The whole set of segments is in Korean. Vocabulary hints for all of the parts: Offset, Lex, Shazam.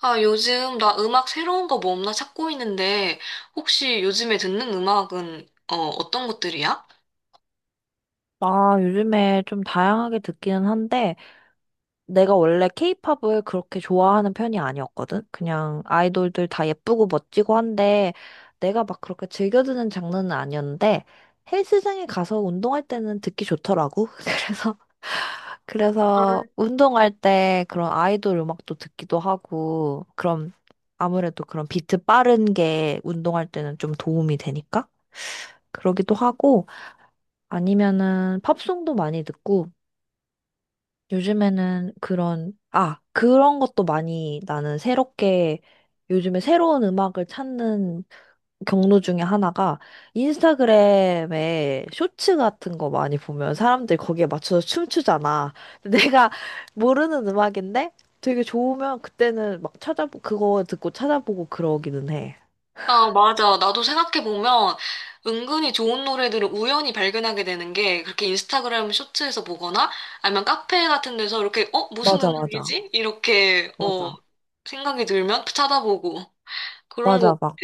아, 요즘 나 음악 새로운 거 뭐 없나 찾고 있는데, 혹시 요즘에 듣는 음악은, 어떤 것들이야? 아, 요즘에 좀 다양하게 듣기는 한데, 내가 원래 케이팝을 그렇게 좋아하는 편이 아니었거든? 그냥 아이돌들 다 예쁘고 멋지고 한데, 내가 막 그렇게 즐겨 듣는 장르는 아니었는데, 헬스장에 가서 운동할 때는 듣기 좋더라고. 그래서 운동할 때 그런 아이돌 음악도 듣기도 하고, 그럼 아무래도 그런 비트 빠른 게 운동할 때는 좀 도움이 되니까? 그러기도 하고, 아니면은 팝송도 많이 듣고 요즘에는 그런 것도 많이 나는 새롭게 요즘에 새로운 음악을 찾는 경로 중에 하나가 인스타그램에 쇼츠 같은 거 많이 보면 사람들이 거기에 맞춰서 춤추잖아. 근데 내가 모르는 음악인데 되게 좋으면 그때는 막 찾아보 그거 듣고 찾아보고 그러기는 해. 아, 맞아. 나도 생각해보면, 은근히 좋은 노래들을 우연히 발견하게 되는 게, 그렇게 인스타그램 쇼츠에서 보거나, 아니면 카페 같은 데서 이렇게, 무슨 맞아, 맞아. 음악이지? 이렇게, 맞아. 생각이 들면 찾아보고, 그런 거 맞아. 막 같아.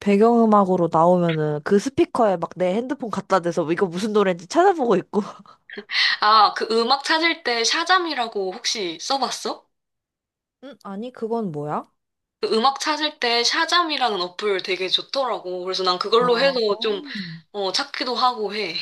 배경음악으로 나오면은 그 스피커에 막 내 핸드폰 갖다 대서 이거 무슨 노래인지 찾아보고 있고. 아, 그 음악 찾을 때 샤잠이라고 혹시 써봤어? 응? 아니, 그건 뭐야? 그 음악 찾을 때 샤잠이라는 어플 되게 좋더라고. 그래서 난 그걸로 아, 해서 좀, 음. 찾기도 하고 해.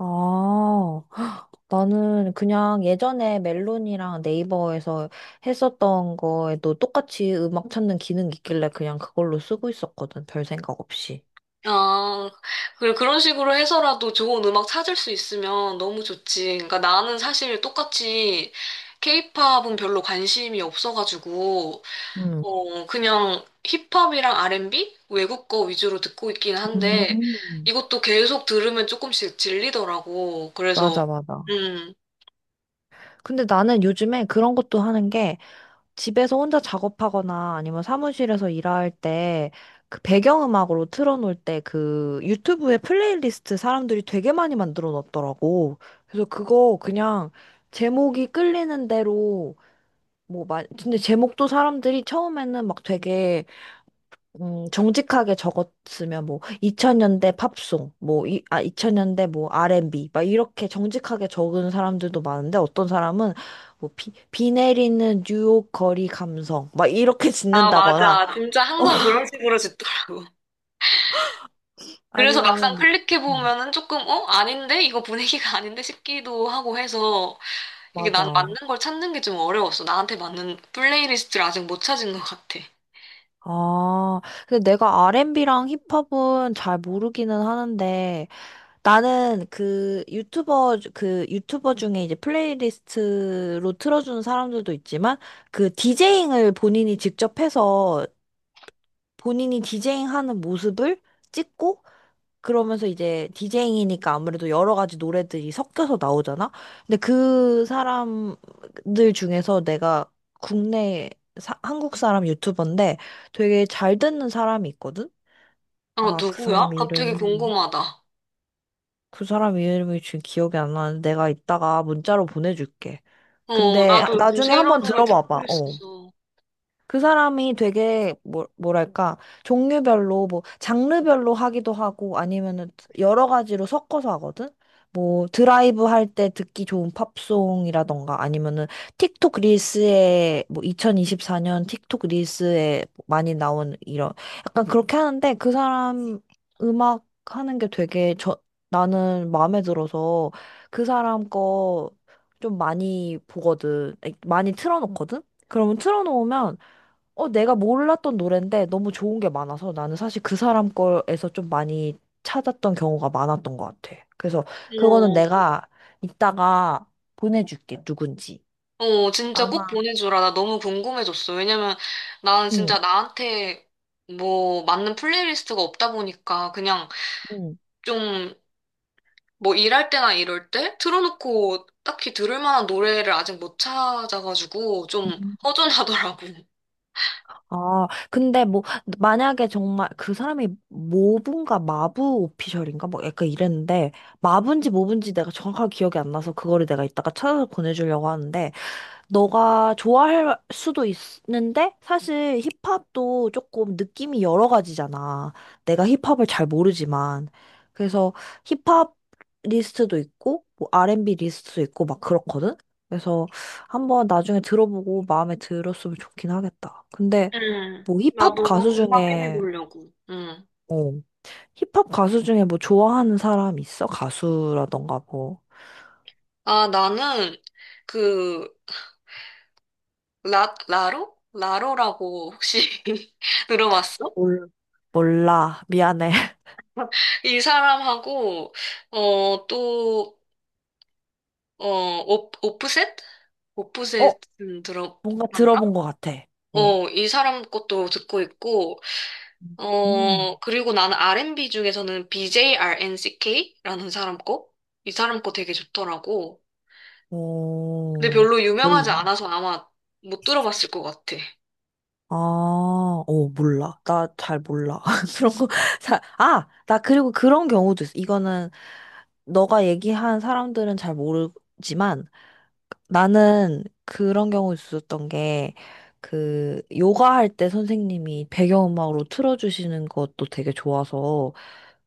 아, 헉, 나는 그냥 예전에 멜론이랑 네이버에서 했었던 거에도 똑같이 음악 찾는 기능 이 있길래 그냥 그걸로 쓰고 있었거든. 별 생각 없이. 아, 그런 식으로 해서라도 좋은 음악 찾을 수 있으면 너무 좋지. 그러니까 나는 사실 똑같이 케이팝은 별로 관심이 없어가지고, 응. 그냥 힙합이랑 R&B? 외국 거 위주로 듣고 있긴 음, 한데, 음. 이것도 계속 들으면 조금씩 질리더라고. 그래서, 맞아, 맞아. 음. 근데 나는 요즘에 그런 것도 하는 게 집에서 혼자 작업하거나 아니면 사무실에서 일할 때 그 배경음악으로 틀어놓을 때 그 유튜브에 플레이리스트 사람들이 되게 많이 만들어 놨더라고. 그래서 그거 그냥 제목이 끌리는 대로 근데 제목도 사람들이 처음에는 막 되게 정직하게 적었으면 뭐 2000년대 팝송, 2000년대 뭐 R&B 막 이렇게 정직하게 적은 사람들도 많은데 어떤 사람은 뭐 비 내리는 뉴욕 거리 감성 막 이렇게 아, 짓는다거나 맞아. 진짜 항상 그런 식으로 듣더라고. 그래서 막상 아니면은 뭐 음, 클릭해보면은 조금, 어? 아닌데? 이거 분위기가 아닌데? 싶기도 하고 해서 이게 난 맞는 맞아. 걸 찾는 게 좀 어려웠어. 나한테 맞는 플레이리스트를 아직 못 찾은 것 같아. 아, 근데 내가 R&B랑 힙합은 잘 모르기는 하는데 나는 그 유튜버 중에 이제 플레이리스트로 틀어주는 사람들도 있지만 그 디제잉을 본인이 직접 해서 본인이 디제잉 하는 모습을 찍고 그러면서 이제 디제잉이니까 아무래도 여러 가지 노래들이 섞여서 나오잖아? 근데 그 사람들 중에서 내가 국내 한국 사람 유튜버인데 되게 잘 듣는 사람이 있거든? 어, 아, 그 누구야? 사람 갑자기 이름이. 궁금하다. 그 사람 이름이 지금 기억이 안 나는데 내가 이따가 문자로 보내줄게. 어, 근데 나도 요즘 나중에 새로운 한번 노래 찾고 들어봐봐. 어. 있어서. 그 사람이 되게 뭐, 뭐랄까 종류별로 뭐 장르별로 하기도 하고 아니면은 여러 가지로 섞어서 하거든. 뭐 드라이브 할 때 듣기 좋은 팝송이라던가 아니면은 틱톡 릴스에 뭐 2024년 틱톡 릴스에 많이 나온 이런 약간 그렇게 하는데 그 사람 음악 하는 게 되게 저 나는 마음에 들어서 그 사람 거 좀 많이 보거든. 많이 틀어놓거든. 그러면 틀어놓으면 어, 내가 몰랐던 노래인데 너무 좋은 게 많아서 나는 사실 그 사람 거에서 좀 많이 찾았던 경우가 많았던 것 같아. 그래서 그거는 어, 내가 이따가 보내줄게, 누군지. 어, 진짜 아마, 꼭 보내주라. 나 너무 궁금해졌어. 왜냐면 나는 응, 진짜 나한테 뭐 맞는 플레이리스트가 없다 보니까 그냥 응. 좀 뭐 일할 때나 이럴 때 틀어놓고 딱히 들을 만한 노래를 아직 못 찾아가지고 좀 음. 허전하더라고. 아, 근데 뭐, 만약에 정말 그 사람이 모분가 마부 오피셜인가? 뭐 약간 이랬는데, 마분지 모분지 내가 정확하게 기억이 안 나서 그거를 내가 이따가 찾아서 보내주려고 하는데, 너가 좋아할 수도 있는데 사실 힙합도 조금 느낌이 여러 가지잖아. 내가 힙합을 잘 모르지만 그래서 힙합 리스트도 있고 뭐 R&B 리스트도 있고 막 그렇거든. 그래서 한번 나중에 들어보고 마음에 들었으면 좋긴 하겠다. 근데 음, 뭐 힙합 나도 가수 한번 확인해 중에 보려고. 음. 어 힙합 가수 중에 뭐 좋아하는 사람 있어? 가수라던가 뭐. 아, 나는 그 라로? 라로라고 혹시 들어봤어? 몰라. 몰라 미안해. 이 사람하고 어, 또 어, 오, 프셋 어 오프셋 뭔가 들어봤나? 들어본 것 같아. 어. 어, 이 사람 것도 듣고 있고 음. 어, 그리고 나는 R&B 중에서는 BJRNCK라는 사람 거? 이 사람 거 되게 좋더라고. 근데 어, 별로 유명하지 몰라. 않아서 아마 못 들어봤을 것 같아. 아, 어, 몰라. 나 잘 몰라. 그런 거, 아, 나 그리고 그런 경우도 있어. 이거는 너가 얘기한 사람들은 잘 모르지만, 나는 그런 경우 있었던 게, 그, 요가 할 때 선생님이 배경음악으로 틀어주시는 것도 되게 좋아서,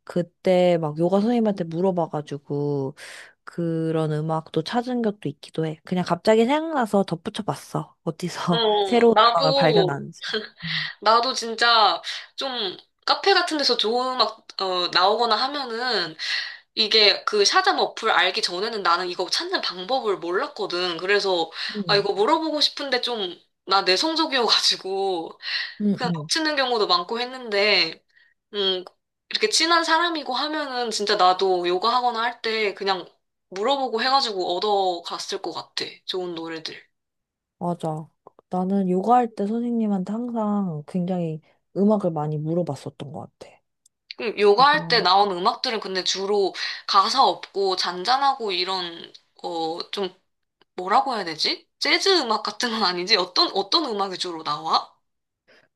그때 막 요가 선생님한테 물어봐가지고, 그런 음악도 찾은 것도 있기도 해. 그냥 갑자기 생각나서 덧붙여 봤어. 어디서 어, 새로운 음악을 나도, 발견하는지. 음. 나도 진짜 좀 카페 같은 데서 좋은 음악, 나오거나 하면은 이게 그 샤잠 어플 알기 전에는 나는 이거 찾는 방법을 몰랐거든. 그래서, 아, 음, 이거 물어보고 싶은데 좀, 나 내성적이어가지고 응, 그냥 응, 놓치는 경우도 많고 했는데, 음, 이렇게 친한 사람이고 하면은 진짜 나도 요가 하거나 할 때 그냥 물어보고 해가지고 얻어갔을 것 같아. 좋은 노래들. 맞아. 나는 요가 할 때 선생님한테 항상 굉장히 음악을 많이 물어봤었던 것 같아. 요가 할 때 그래서, 나온 음악들은 근데 주로 가사 없고 잔잔하고 이런, 좀 뭐라고 해야 되지? 재즈 음악 같은 건 아니지? 어떤, 어떤 음악이 주로 나와?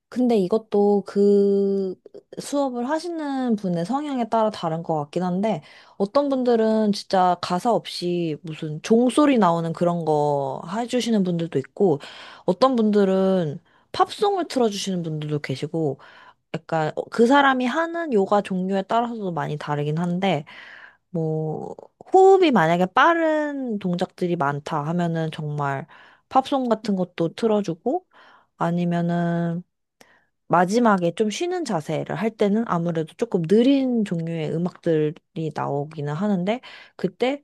근데 이것도 그 수업을 하시는 분의 성향에 따라 다른 것 같긴 한데, 어떤 분들은 진짜 가사 없이 무슨 종소리 나오는 그런 거 해주시는 분들도 있고, 어떤 분들은 팝송을 틀어주시는 분들도 계시고, 약간 어, 그 사람이 하는 요가 종류에 따라서도 많이 다르긴 한데, 뭐, 호흡이 만약에 빠른 동작들이 많다 하면은 정말 팝송 같은 것도 틀어주고, 아니면은 마지막에 좀 쉬는 자세를 할 때는 아무래도 조금 느린 종류의 음악들이 나오기는 하는데, 그때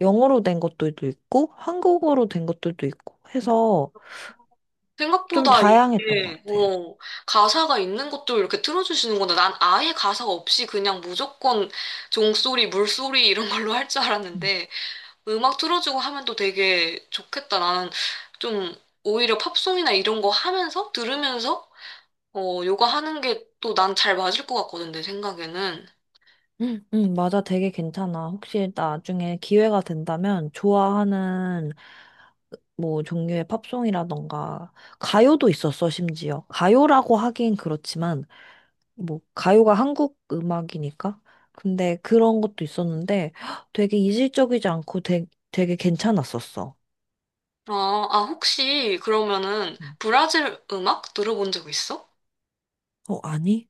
영어로 된 것들도 있고, 한국어로 된 것들도 있고 해서 좀 생각보다 다양했던 것 이게, 같아요. 가사가 있는 것도 이렇게 틀어주시는 건데 난 아예 가사가 없이 그냥 무조건 종소리, 물소리 이런 걸로 할 줄 음, 알았는데 음악 틀어주고 하면 또 되게 좋겠다. 나는 좀 오히려 팝송이나 이런 거 하면서 들으면서 요가하는 게 또 난 잘 맞을 것 같거든, 내 생각에는. 응, 응, 맞아. 되게 괜찮아. 혹시 나중에 기회가 된다면 좋아하는 뭐 종류의 팝송이라던가 가요도 있었어, 심지어. 가요라고 하긴 그렇지만 뭐 가요가 한국 음악이니까. 근데 그런 것도 있었는데 헉, 되게 이질적이지 않고 되게 괜찮았었어. 아, 아, 혹시 그러면은 음. 브라질 음악 들어본 적 있어? 어, 아니?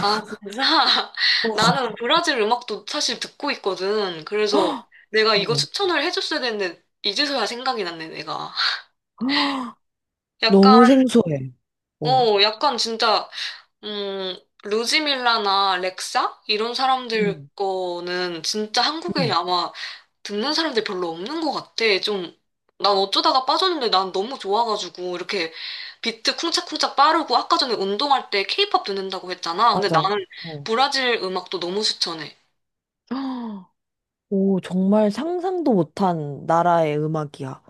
아, 진짜? 어, 나는 브라질 음악도 사실 듣고 있거든. 그래서 내가 이거 어. 추천을 해줬어야 되는데, 이제서야 생각이 났네, 내가. 헉, 약간, 너무 생소해. 어. 어, 약간 진짜 음, 루지밀라나 렉사? 이런 사람들 음, 거는 진짜 한국에 응, 아마 듣는 사람들 별로 없는 것 같아. 좀, 난 어쩌다가 빠졌는데 난 너무 좋아가지고, 이렇게 비트 쿵짝쿵짝 빠르고, 아까 전에 운동할 때 케이팝 듣는다고 했잖아. 근데 맞아. 나는 어. 브라질 음악도 너무 추천해. 헉, 오, 정말 상상도 못한 나라의 음악이야.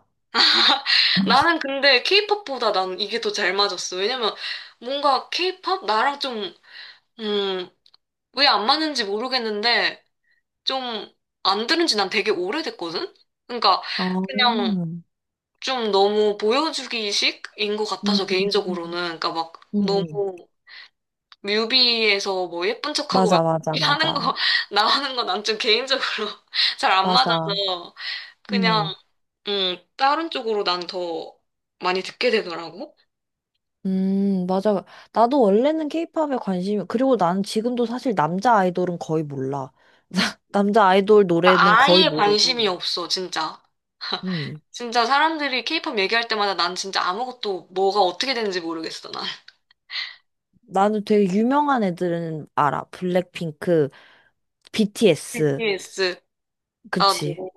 나는 근데 케이팝보다 난 이게 더 잘 맞았어. 왜냐면 뭔가 케이팝? 나랑 좀, 음, 왜 안 맞는지 모르겠는데, 좀 안 들은 지 난 되게 오래됐거든? 그러니까 아, 그냥 음, 좀 너무 보여주기식인 것 같아서 음, 개인적으로는 그러니까 막 너무 음. 뮤비에서 뭐 예쁜 척하고 맞아, 막 맞아, 이렇게 하는 맞아. 거 나오는 건 난 좀 개인적으로 잘 안 맞아. 맞아서 그냥 음. 다른 쪽으로 난 더 많이 듣게 되더라고. 맞아. 나도 원래는 케이팝에 관심이, 그리고 나는 지금도 사실 남자 아이돌은 거의 몰라. 남자 아이돌 노래는 그러니까 거의 아예 관심이 모르고. 없어 진짜. 음. 진짜 사람들이 케이팝 얘기할 때마다 난 진짜 아무것도 뭐가 어떻게 되는지 모르겠어 난. 나는 되게 유명한 애들은 알아. 블랙핑크, BTS. BTS 그치. 나도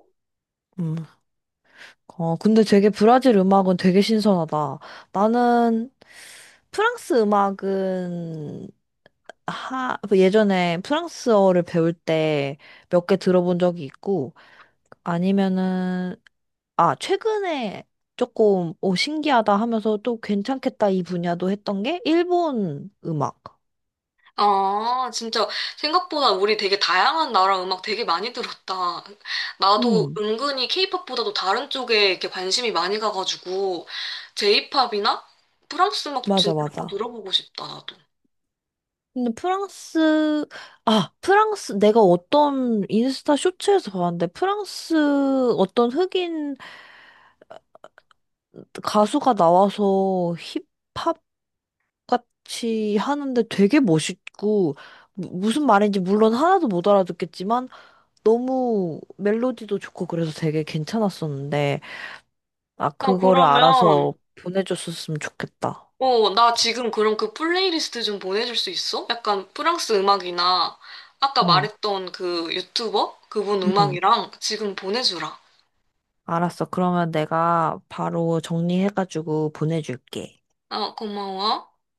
음. 어, 근데 되게 브라질 음악은 되게 신선하다. 나는 프랑스 음악은 하, 예전에 프랑스어를 배울 때 몇 개 들어본 적이 있고, 아니면은 아, 최근에 조금, 오, 신기하다 하면서 또 괜찮겠다 이 분야도 했던 게 일본 음악. 아, 진짜 생각보다 우리 되게 다양한 나라 음악 되게 많이 들었다. 나도 음, 은근히 케이팝보다도 다른 쪽에 이렇게 관심이 많이 가가지고 제이팝이나 프랑스 음악 맞아, 진짜 한번 맞아. 들어보고 싶다, 나도. 근데 프랑스, 프랑스, 내가 어떤 인스타 쇼츠에서 봤는데 프랑스 어떤 흑인 가수가 나와서 힙합 같이 하는데 되게 멋있고, 무슨 말인지 물론 하나도 못 알아듣겠지만 너무 멜로디도 좋고 그래서 되게 괜찮았었는데, 나 아, 그거를 그러면 알아서 보내줬었으면 좋겠다. 어, 나 지금 그럼 그 플레이리스트 좀 보내줄 수 있어? 약간 프랑스 음악이나 아까 응. 말했던 그 유튜버 그분 응. 음악이랑 지금 보내주라. 알았어. 그러면 내가 바로 정리해가지고 보내줄게. 아, 고마워.